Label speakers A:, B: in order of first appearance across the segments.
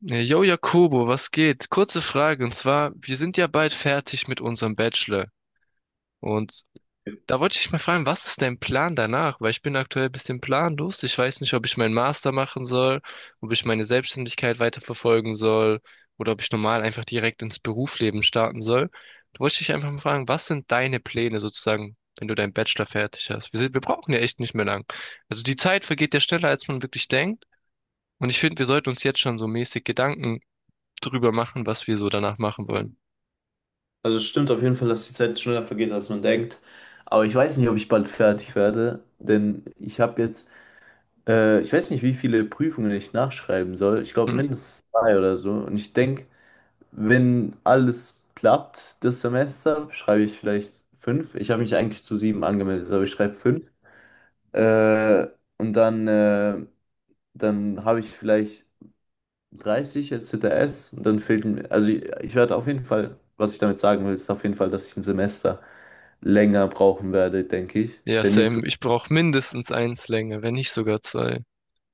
A: Jo, Jakobo, was geht? Kurze Frage, und zwar, wir sind ja bald fertig mit unserem Bachelor. Und da wollte ich dich mal fragen, was ist dein Plan danach? Weil ich bin aktuell ein bisschen planlos. Ich weiß nicht, ob ich meinen Master machen soll, ob ich meine Selbstständigkeit weiterverfolgen soll oder ob ich normal einfach direkt ins Berufsleben starten soll. Da wollte ich dich einfach mal fragen, was sind deine Pläne sozusagen, wenn du deinen Bachelor fertig hast? Wir brauchen ja echt nicht mehr lang. Also die Zeit vergeht ja schneller, als man wirklich denkt. Und ich finde, wir sollten uns jetzt schon so mäßig Gedanken drüber machen, was wir so danach machen wollen.
B: Also es stimmt auf jeden Fall, dass die Zeit schneller vergeht, als man denkt. Aber ich weiß nicht, ob ich bald fertig werde, denn ich habe jetzt, ich weiß nicht, wie viele Prüfungen ich nachschreiben soll. Ich glaube
A: Hm.
B: mindestens zwei oder so. Und ich denke, wenn alles klappt, das Semester, schreibe ich vielleicht fünf. Ich habe mich eigentlich zu sieben angemeldet, aber ich schreibe fünf. Äh, und dann habe ich vielleicht 30 jetzt HTS, und dann fehlt mir, also ich werde auf jeden Fall, was ich damit sagen will, ist auf jeden Fall, dass ich ein Semester länger brauchen werde, denke ich.
A: Ja,
B: Wenn nicht so,
A: Sam, ich brauche mindestens eins länger, wenn nicht sogar zwei.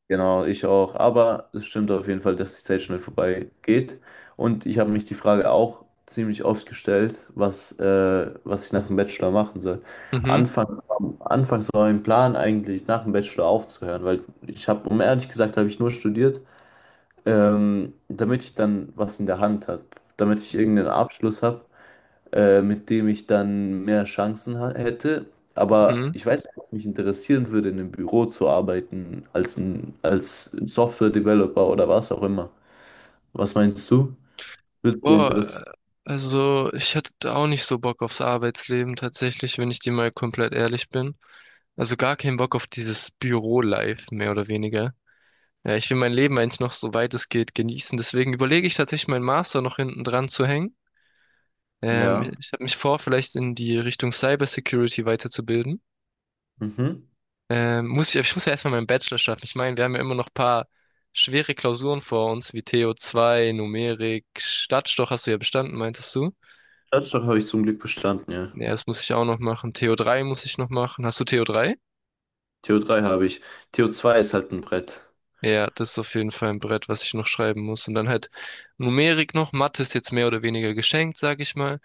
B: genau, ich auch. Aber es stimmt auf jeden Fall, dass die Zeit schnell vorbei geht. Und ich habe mich die Frage auch ziemlich oft gestellt, was ich nach dem Bachelor machen soll.
A: Mhm,
B: Anfangs, anfangs war mein Plan eigentlich, nach dem Bachelor aufzuhören, weil ich habe, um ehrlich gesagt, habe ich nur studiert, damit ich dann was in der Hand habe, damit ich irgendeinen Abschluss habe, mit dem ich dann mehr Chancen hätte. Aber
A: mhm.
B: ich weiß nicht, ob es mich interessieren würde, in einem Büro zu arbeiten, als als Software-Developer oder was auch immer. Was meinst du? Würde dich
A: Boah,
B: interessieren?
A: also ich hatte da auch nicht so Bock aufs Arbeitsleben tatsächlich, wenn ich dir mal komplett ehrlich bin. Also gar keinen Bock auf dieses Büro-Life, mehr oder weniger. Ja, ich will mein Leben eigentlich noch so weit es geht genießen. Deswegen überlege ich tatsächlich, meinen Master noch hinten dran zu hängen.
B: Ja.
A: Ich habe mich vor, vielleicht in die Richtung Cybersecurity weiterzubilden.
B: Mhm.
A: Ich muss ja erstmal meinen Bachelor schaffen. Ich meine, wir haben ja immer noch ein paar schwere Klausuren vor uns, wie to zwei Numerik, Stadtstoch hast du ja bestanden, meintest du?
B: Staatsstock habe ich zum Glück bestanden, ja.
A: Ja, das muss ich auch noch machen. To drei muss ich noch machen. Hast du to drei?
B: TO3 habe ich. TO zwei ist halt ein Brett.
A: Ja, das ist auf jeden Fall ein Brett, was ich noch schreiben muss. Und dann halt Numerik noch. Mathe ist jetzt mehr oder weniger geschenkt, sag ich mal.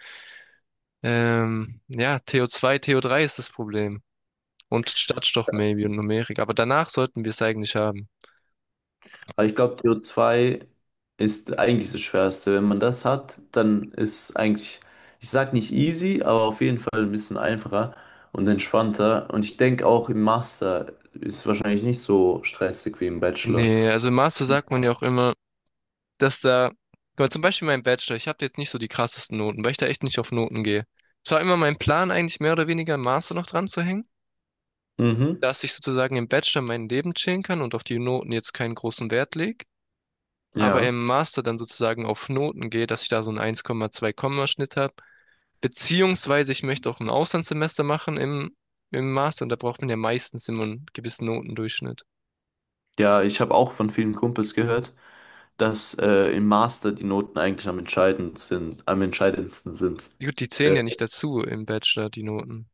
A: Ja, TO2, to drei ist das Problem. Und Stadtstoch maybe und Numerik. Aber danach sollten wir es eigentlich haben.
B: Aber ich glaube, CO zwei ist eigentlich das Schwerste. Wenn man das hat, dann ist eigentlich, ich sag nicht easy, aber auf jeden Fall ein bisschen einfacher und entspannter. Und ich denke auch, im Master ist wahrscheinlich nicht so stressig wie im Bachelor.
A: Nee, also im Master sagt man ja auch immer, dass da, guck mal, zum Beispiel mein Bachelor, ich habe jetzt nicht so die krassesten Noten, weil ich da echt nicht auf Noten gehe. Es war immer mein Plan, eigentlich mehr oder weniger einen Master noch dran zu hängen,
B: Mhm.
A: dass ich sozusagen im Bachelor mein Leben chillen kann und auf die Noten jetzt keinen großen Wert lege, aber
B: Ja.
A: im Master dann sozusagen auf Noten gehe, dass ich da so einen eins Komma zwei Komma Schnitt habe. Beziehungsweise ich möchte auch ein Auslandssemester machen im Master und da braucht man ja meistens immer einen gewissen Notendurchschnitt.
B: Ja, ich habe auch von vielen Kumpels gehört, dass, im Master die Noten eigentlich am entscheidend sind, am entscheidendsten sind.
A: Gut, die
B: Äh,
A: zählen ja nicht dazu im Bachelor, die Noten.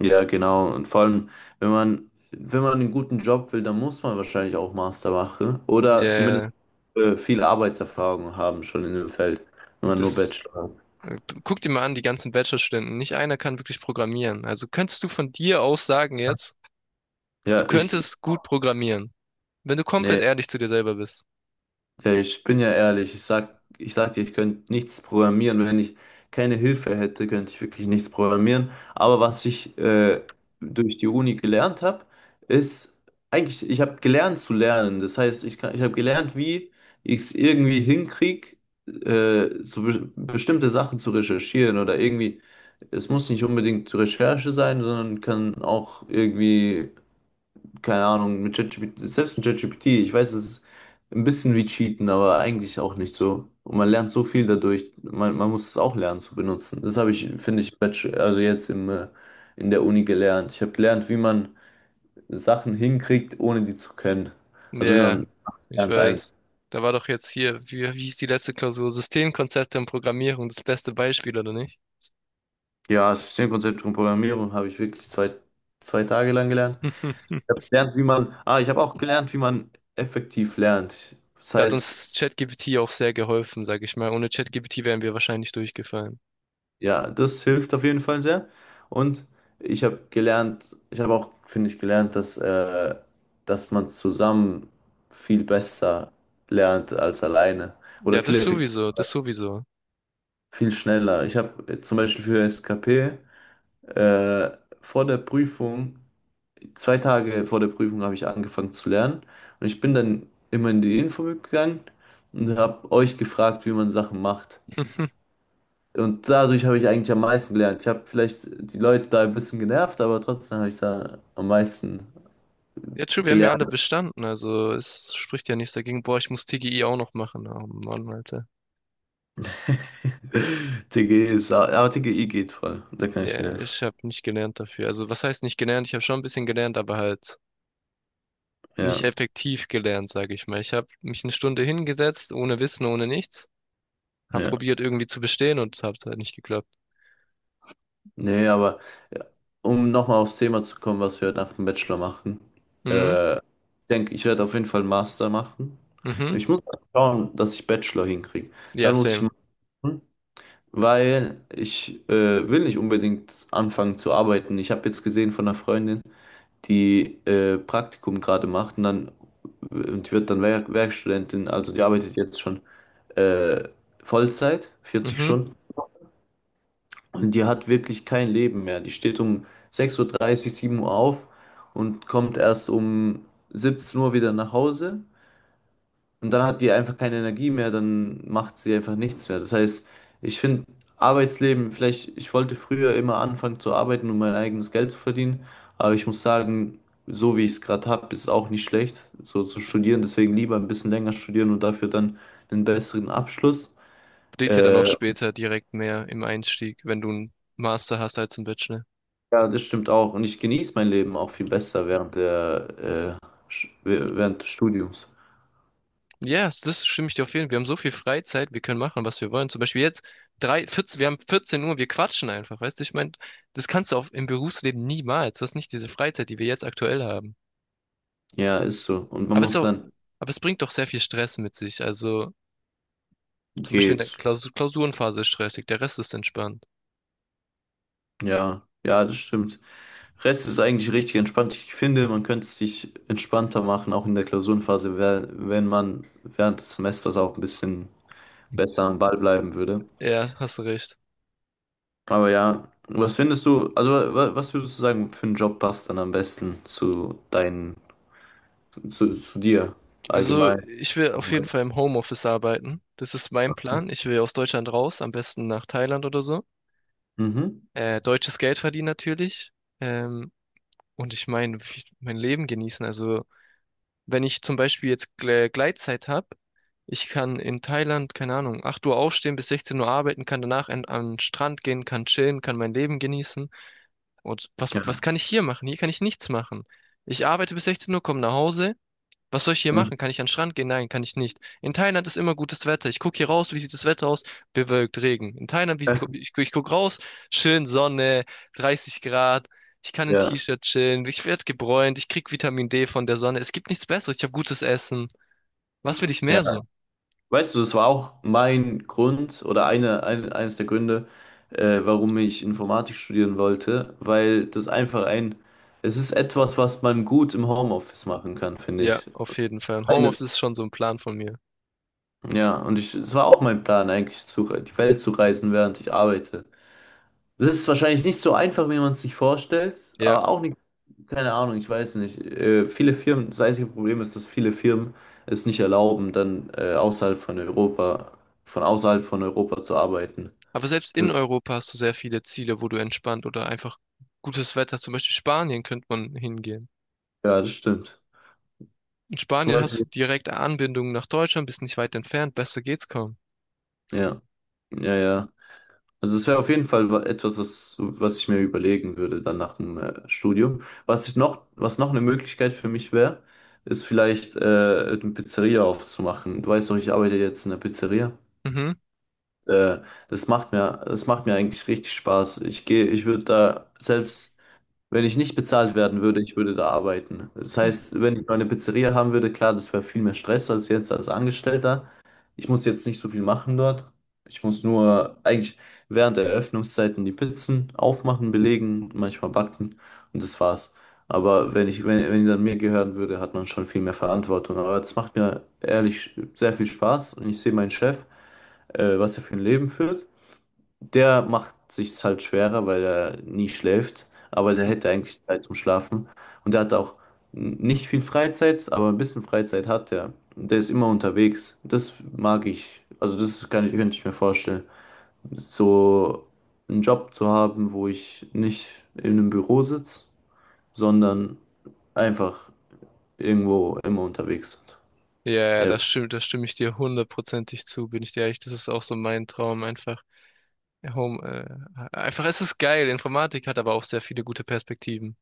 B: Ja, genau. Und vor allem, wenn man einen guten Job will, dann muss man wahrscheinlich auch Master machen
A: Ja,
B: oder zumindest,
A: yeah,
B: viel Arbeitserfahrung haben schon in dem Feld, wenn man nur
A: das.
B: Bachelor hat.
A: Äh, Guck dir mal an, die ganzen Bachelorstudenten. Nicht einer kann wirklich programmieren. Also könntest du von dir aus sagen jetzt, du
B: Ja, ich,
A: könntest gut programmieren, wenn du komplett
B: Nee.
A: ehrlich zu dir selber bist.
B: Ja, ich bin ja ehrlich, ich sag dir, ich könnte nichts programmieren. Wenn ich keine Hilfe hätte, könnte ich wirklich nichts programmieren. Aber was ich, durch die Uni gelernt habe, ist eigentlich, ich habe gelernt zu lernen. Das heißt, ich kann, ich habe gelernt, wie ich es irgendwie hinkriege, so be bestimmte Sachen zu recherchieren oder irgendwie. Es muss nicht unbedingt Recherche sein, sondern kann auch irgendwie, keine Ahnung, mit ChatGPT, selbst mit ChatGPT, ich weiß, es ist ein bisschen wie Cheaten, aber eigentlich auch nicht so. Und man lernt so viel dadurch, man muss es auch lernen zu benutzen. Das habe ich, finde ich, im Bachelor, also jetzt in der Uni gelernt. Ich habe gelernt, wie man Sachen hinkriegt, ohne die zu können.
A: Ja,
B: Also wie
A: yeah,
B: man
A: ich
B: lernt eigentlich.
A: weiß. Da war doch jetzt hier, wie hieß die letzte Klausur? Systemkonzepte und Programmierung, das beste Beispiel, oder nicht?
B: Ja, das Systemkonzept und Programmierung habe ich wirklich zwei Tage lang gelernt. Ich habe gelernt, wie man, ich habe auch gelernt, wie man effektiv lernt. Das
A: Da hat
B: heißt,
A: uns ChatGPT auch sehr geholfen, sag ich mal. Ohne ChatGPT wären wir wahrscheinlich durchgefallen.
B: ja, das hilft auf jeden Fall sehr. Und ich habe gelernt, ich habe auch, finde ich, gelernt, dass man zusammen viel besser lernt als alleine oder
A: Ja,
B: viel
A: das
B: effektiver,
A: sowieso, das sowieso.
B: viel schneller. Ich habe zum Beispiel für SKP, äh, vor der Prüfung, zwei Tage vor der Prüfung, habe ich angefangen zu lernen, und ich bin dann immer in die Info gegangen und habe euch gefragt, wie man Sachen macht. Und dadurch habe ich eigentlich am meisten gelernt. Ich habe vielleicht die Leute da ein bisschen genervt, aber trotzdem habe ich da am meisten
A: Ja, true, wir haben ja alle
B: gelernt.
A: bestanden, also es spricht ja nichts dagegen. Boah, ich muss TGI auch noch machen. Oh Mann, Alter.
B: TG ist, aber TGI geht voll. Da kann ich dir
A: Ja,
B: helfen.
A: ich habe nicht gelernt dafür. Also was heißt nicht gelernt? Ich habe schon ein bisschen gelernt, aber halt nicht
B: Ja,
A: effektiv gelernt, sage ich mal. Ich habe mich eine Stunde hingesetzt, ohne Wissen, ohne nichts. Hab
B: ja.
A: probiert irgendwie zu bestehen und es hat halt nicht geklappt.
B: Nee, aber ja, um nochmal aufs Thema zu kommen, was wir nach dem Bachelor machen.
A: Mhm,
B: Ich denke, ich werde auf jeden Fall einen Master machen.
A: mhm.
B: Ich muss mal schauen, dass ich Bachelor hinkriege.
A: Ja,
B: Dann muss ich
A: same.
B: machen, weil ich, will nicht unbedingt anfangen zu arbeiten. Ich habe jetzt gesehen von einer Freundin, die, Praktikum gerade macht, und die wird dann Werkstudentin, also die arbeitet jetzt schon, äh, Vollzeit, 40
A: Mhm.
B: Stunden, und die hat wirklich kein Leben mehr. Die steht um 6:30 Uhr, 7 Uhr auf und kommt erst um 17 Uhr wieder nach Hause, und dann hat die einfach keine Energie mehr, dann macht sie einfach nichts mehr. Das heißt, ich finde Arbeitsleben, vielleicht, ich wollte früher immer anfangen zu arbeiten, um mein eigenes Geld zu verdienen, aber ich muss sagen, so wie ich es gerade habe, ist es auch nicht schlecht, so zu studieren. Deswegen lieber ein bisschen länger studieren und dafür dann einen besseren Abschluss.
A: Bringt ja dann auch
B: Äh,
A: später direkt mehr im Einstieg, wenn du einen Master hast als einen Bachelor.
B: ja, das stimmt auch. Und ich genieße mein Leben auch viel besser während der, äh, während des Studiums.
A: Ja, yes, das stimme ich dir auf jeden Fall. Wir haben so viel Freizeit, wir können machen, was wir wollen. Zum Beispiel jetzt drei, 14, wir haben 14 Uhr, wir quatschen einfach, weißt du? Ich meine, das kannst du im Berufsleben niemals. Du hast nicht diese Freizeit, die wir jetzt aktuell haben.
B: Ja, ist so. Und man
A: Aber es, ist
B: muss
A: auch,
B: dann,
A: aber es bringt doch sehr viel Stress mit sich. Also zum Beispiel in der
B: geht.
A: Klausurenphase ist stressig, der Rest ist entspannt.
B: Ja, ja, das stimmt. Rest ist eigentlich richtig entspannt. Ich finde, man könnte es sich entspannter machen, auch in der Klausurenphase, wenn man während des Semesters auch ein bisschen besser am Ball bleiben würde.
A: Ja, hast du recht.
B: Aber ja, was findest du, also was würdest du sagen, für einen Job passt dann am besten zu dir
A: Also
B: allgemein?
A: ich will auf jeden Fall im Homeoffice arbeiten. Das ist mein Plan. Ich will aus Deutschland raus, am besten nach Thailand oder so.
B: Mhm.
A: Deutsches Geld verdienen natürlich. Ähm, Und ich meine, mein Leben genießen. Also, wenn ich zum Beispiel jetzt Gleitzeit habe, ich kann in Thailand, keine Ahnung, 8 Uhr aufstehen, bis 16 Uhr arbeiten, kann danach an den Strand gehen, kann chillen, kann mein Leben genießen. Und was
B: Ja.
A: kann ich hier machen? Hier kann ich nichts machen. Ich arbeite bis 16 Uhr, komme nach Hause, was soll ich hier
B: Mhm.
A: machen? Kann ich an den Strand gehen? Nein, kann ich nicht. In Thailand ist immer gutes Wetter. Ich gucke hier raus, wie sieht das Wetter aus? Bewölkt, Regen. In Thailand, wie, gu- ich gucke raus, schön Sonne, 30 Grad. Ich kann in
B: Ja.
A: T-Shirt chillen. Ich werde gebräunt. Ich krieg Vitamin D von der Sonne. Es gibt nichts Besseres. Ich habe gutes Essen. Was will ich
B: Ja.
A: mehr so?
B: Weißt du, es war auch mein Grund oder eines der Gründe, warum ich Informatik studieren wollte, weil das einfach es ist etwas, was man gut im Homeoffice machen kann, finde
A: Ja,
B: ich.
A: auf jeden Fall. Und
B: Eine,
A: Homeoffice ist schon so ein Plan von mir.
B: ja, und ich, es war auch mein Plan, eigentlich die Welt zu reisen, während ich arbeite. Das ist wahrscheinlich nicht so einfach, wie man es sich vorstellt,
A: Ja.
B: aber auch nicht, keine Ahnung, ich weiß nicht. Viele Firmen, das einzige Problem ist, dass viele Firmen es nicht erlauben, dann, von außerhalb von Europa zu arbeiten.
A: Aber selbst in
B: Das,
A: Europa hast du sehr viele Ziele, wo du entspannt oder einfach gutes Wetter, zum Beispiel Spanien, könnte man hingehen.
B: ja, das stimmt.
A: In
B: Zum
A: Spanien hast du
B: Beispiel,
A: direkte Anbindung nach Deutschland, bist nicht weit entfernt, besser geht's kaum.
B: ja, ja, ja. Also es wäre auf jeden Fall, etwas, was ich mir überlegen würde dann nach dem, Studium. Was ich noch, was noch eine Möglichkeit für mich wäre, ist vielleicht, eine Pizzeria aufzumachen. Du weißt doch, ich arbeite jetzt in der Pizzeria.
A: Mhm.
B: Äh, das macht mir eigentlich richtig Spaß. Ich gehe, ich würde da selbst. Wenn ich nicht bezahlt werden würde, ich würde da arbeiten. Das
A: Hm.
B: heißt, wenn ich meine Pizzeria haben würde, klar, das wäre viel mehr Stress als jetzt als Angestellter. Ich muss jetzt nicht so viel machen dort. Ich muss nur eigentlich während der Eröffnungszeiten die Pizzen aufmachen, belegen, manchmal backen, und das war's. Aber wenn ich, wenn, wenn die dann mir gehören würde, hat man schon viel mehr Verantwortung. Aber das macht mir ehrlich sehr viel Spaß, und ich sehe meinen Chef, was er für ein Leben führt. Der macht sich's halt schwerer, weil er nie schläft, aber der hätte eigentlich Zeit zum Schlafen. Und der hat auch nicht viel Freizeit, aber ein bisschen Freizeit hat er. Und der ist immer unterwegs. Das mag ich. Also das kann ich, könnte ich mir vorstellen, so einen Job zu haben, wo ich nicht in einem Büro sitze, sondern einfach irgendwo immer unterwegs bin.
A: Ja, ja, das
B: Ja,
A: stimmt, das stimme ich dir hundertprozentig zu, bin ich dir ehrlich. Das ist auch so mein Traum, einfach einfach, es ist geil. Informatik hat aber auch sehr viele gute Perspektiven.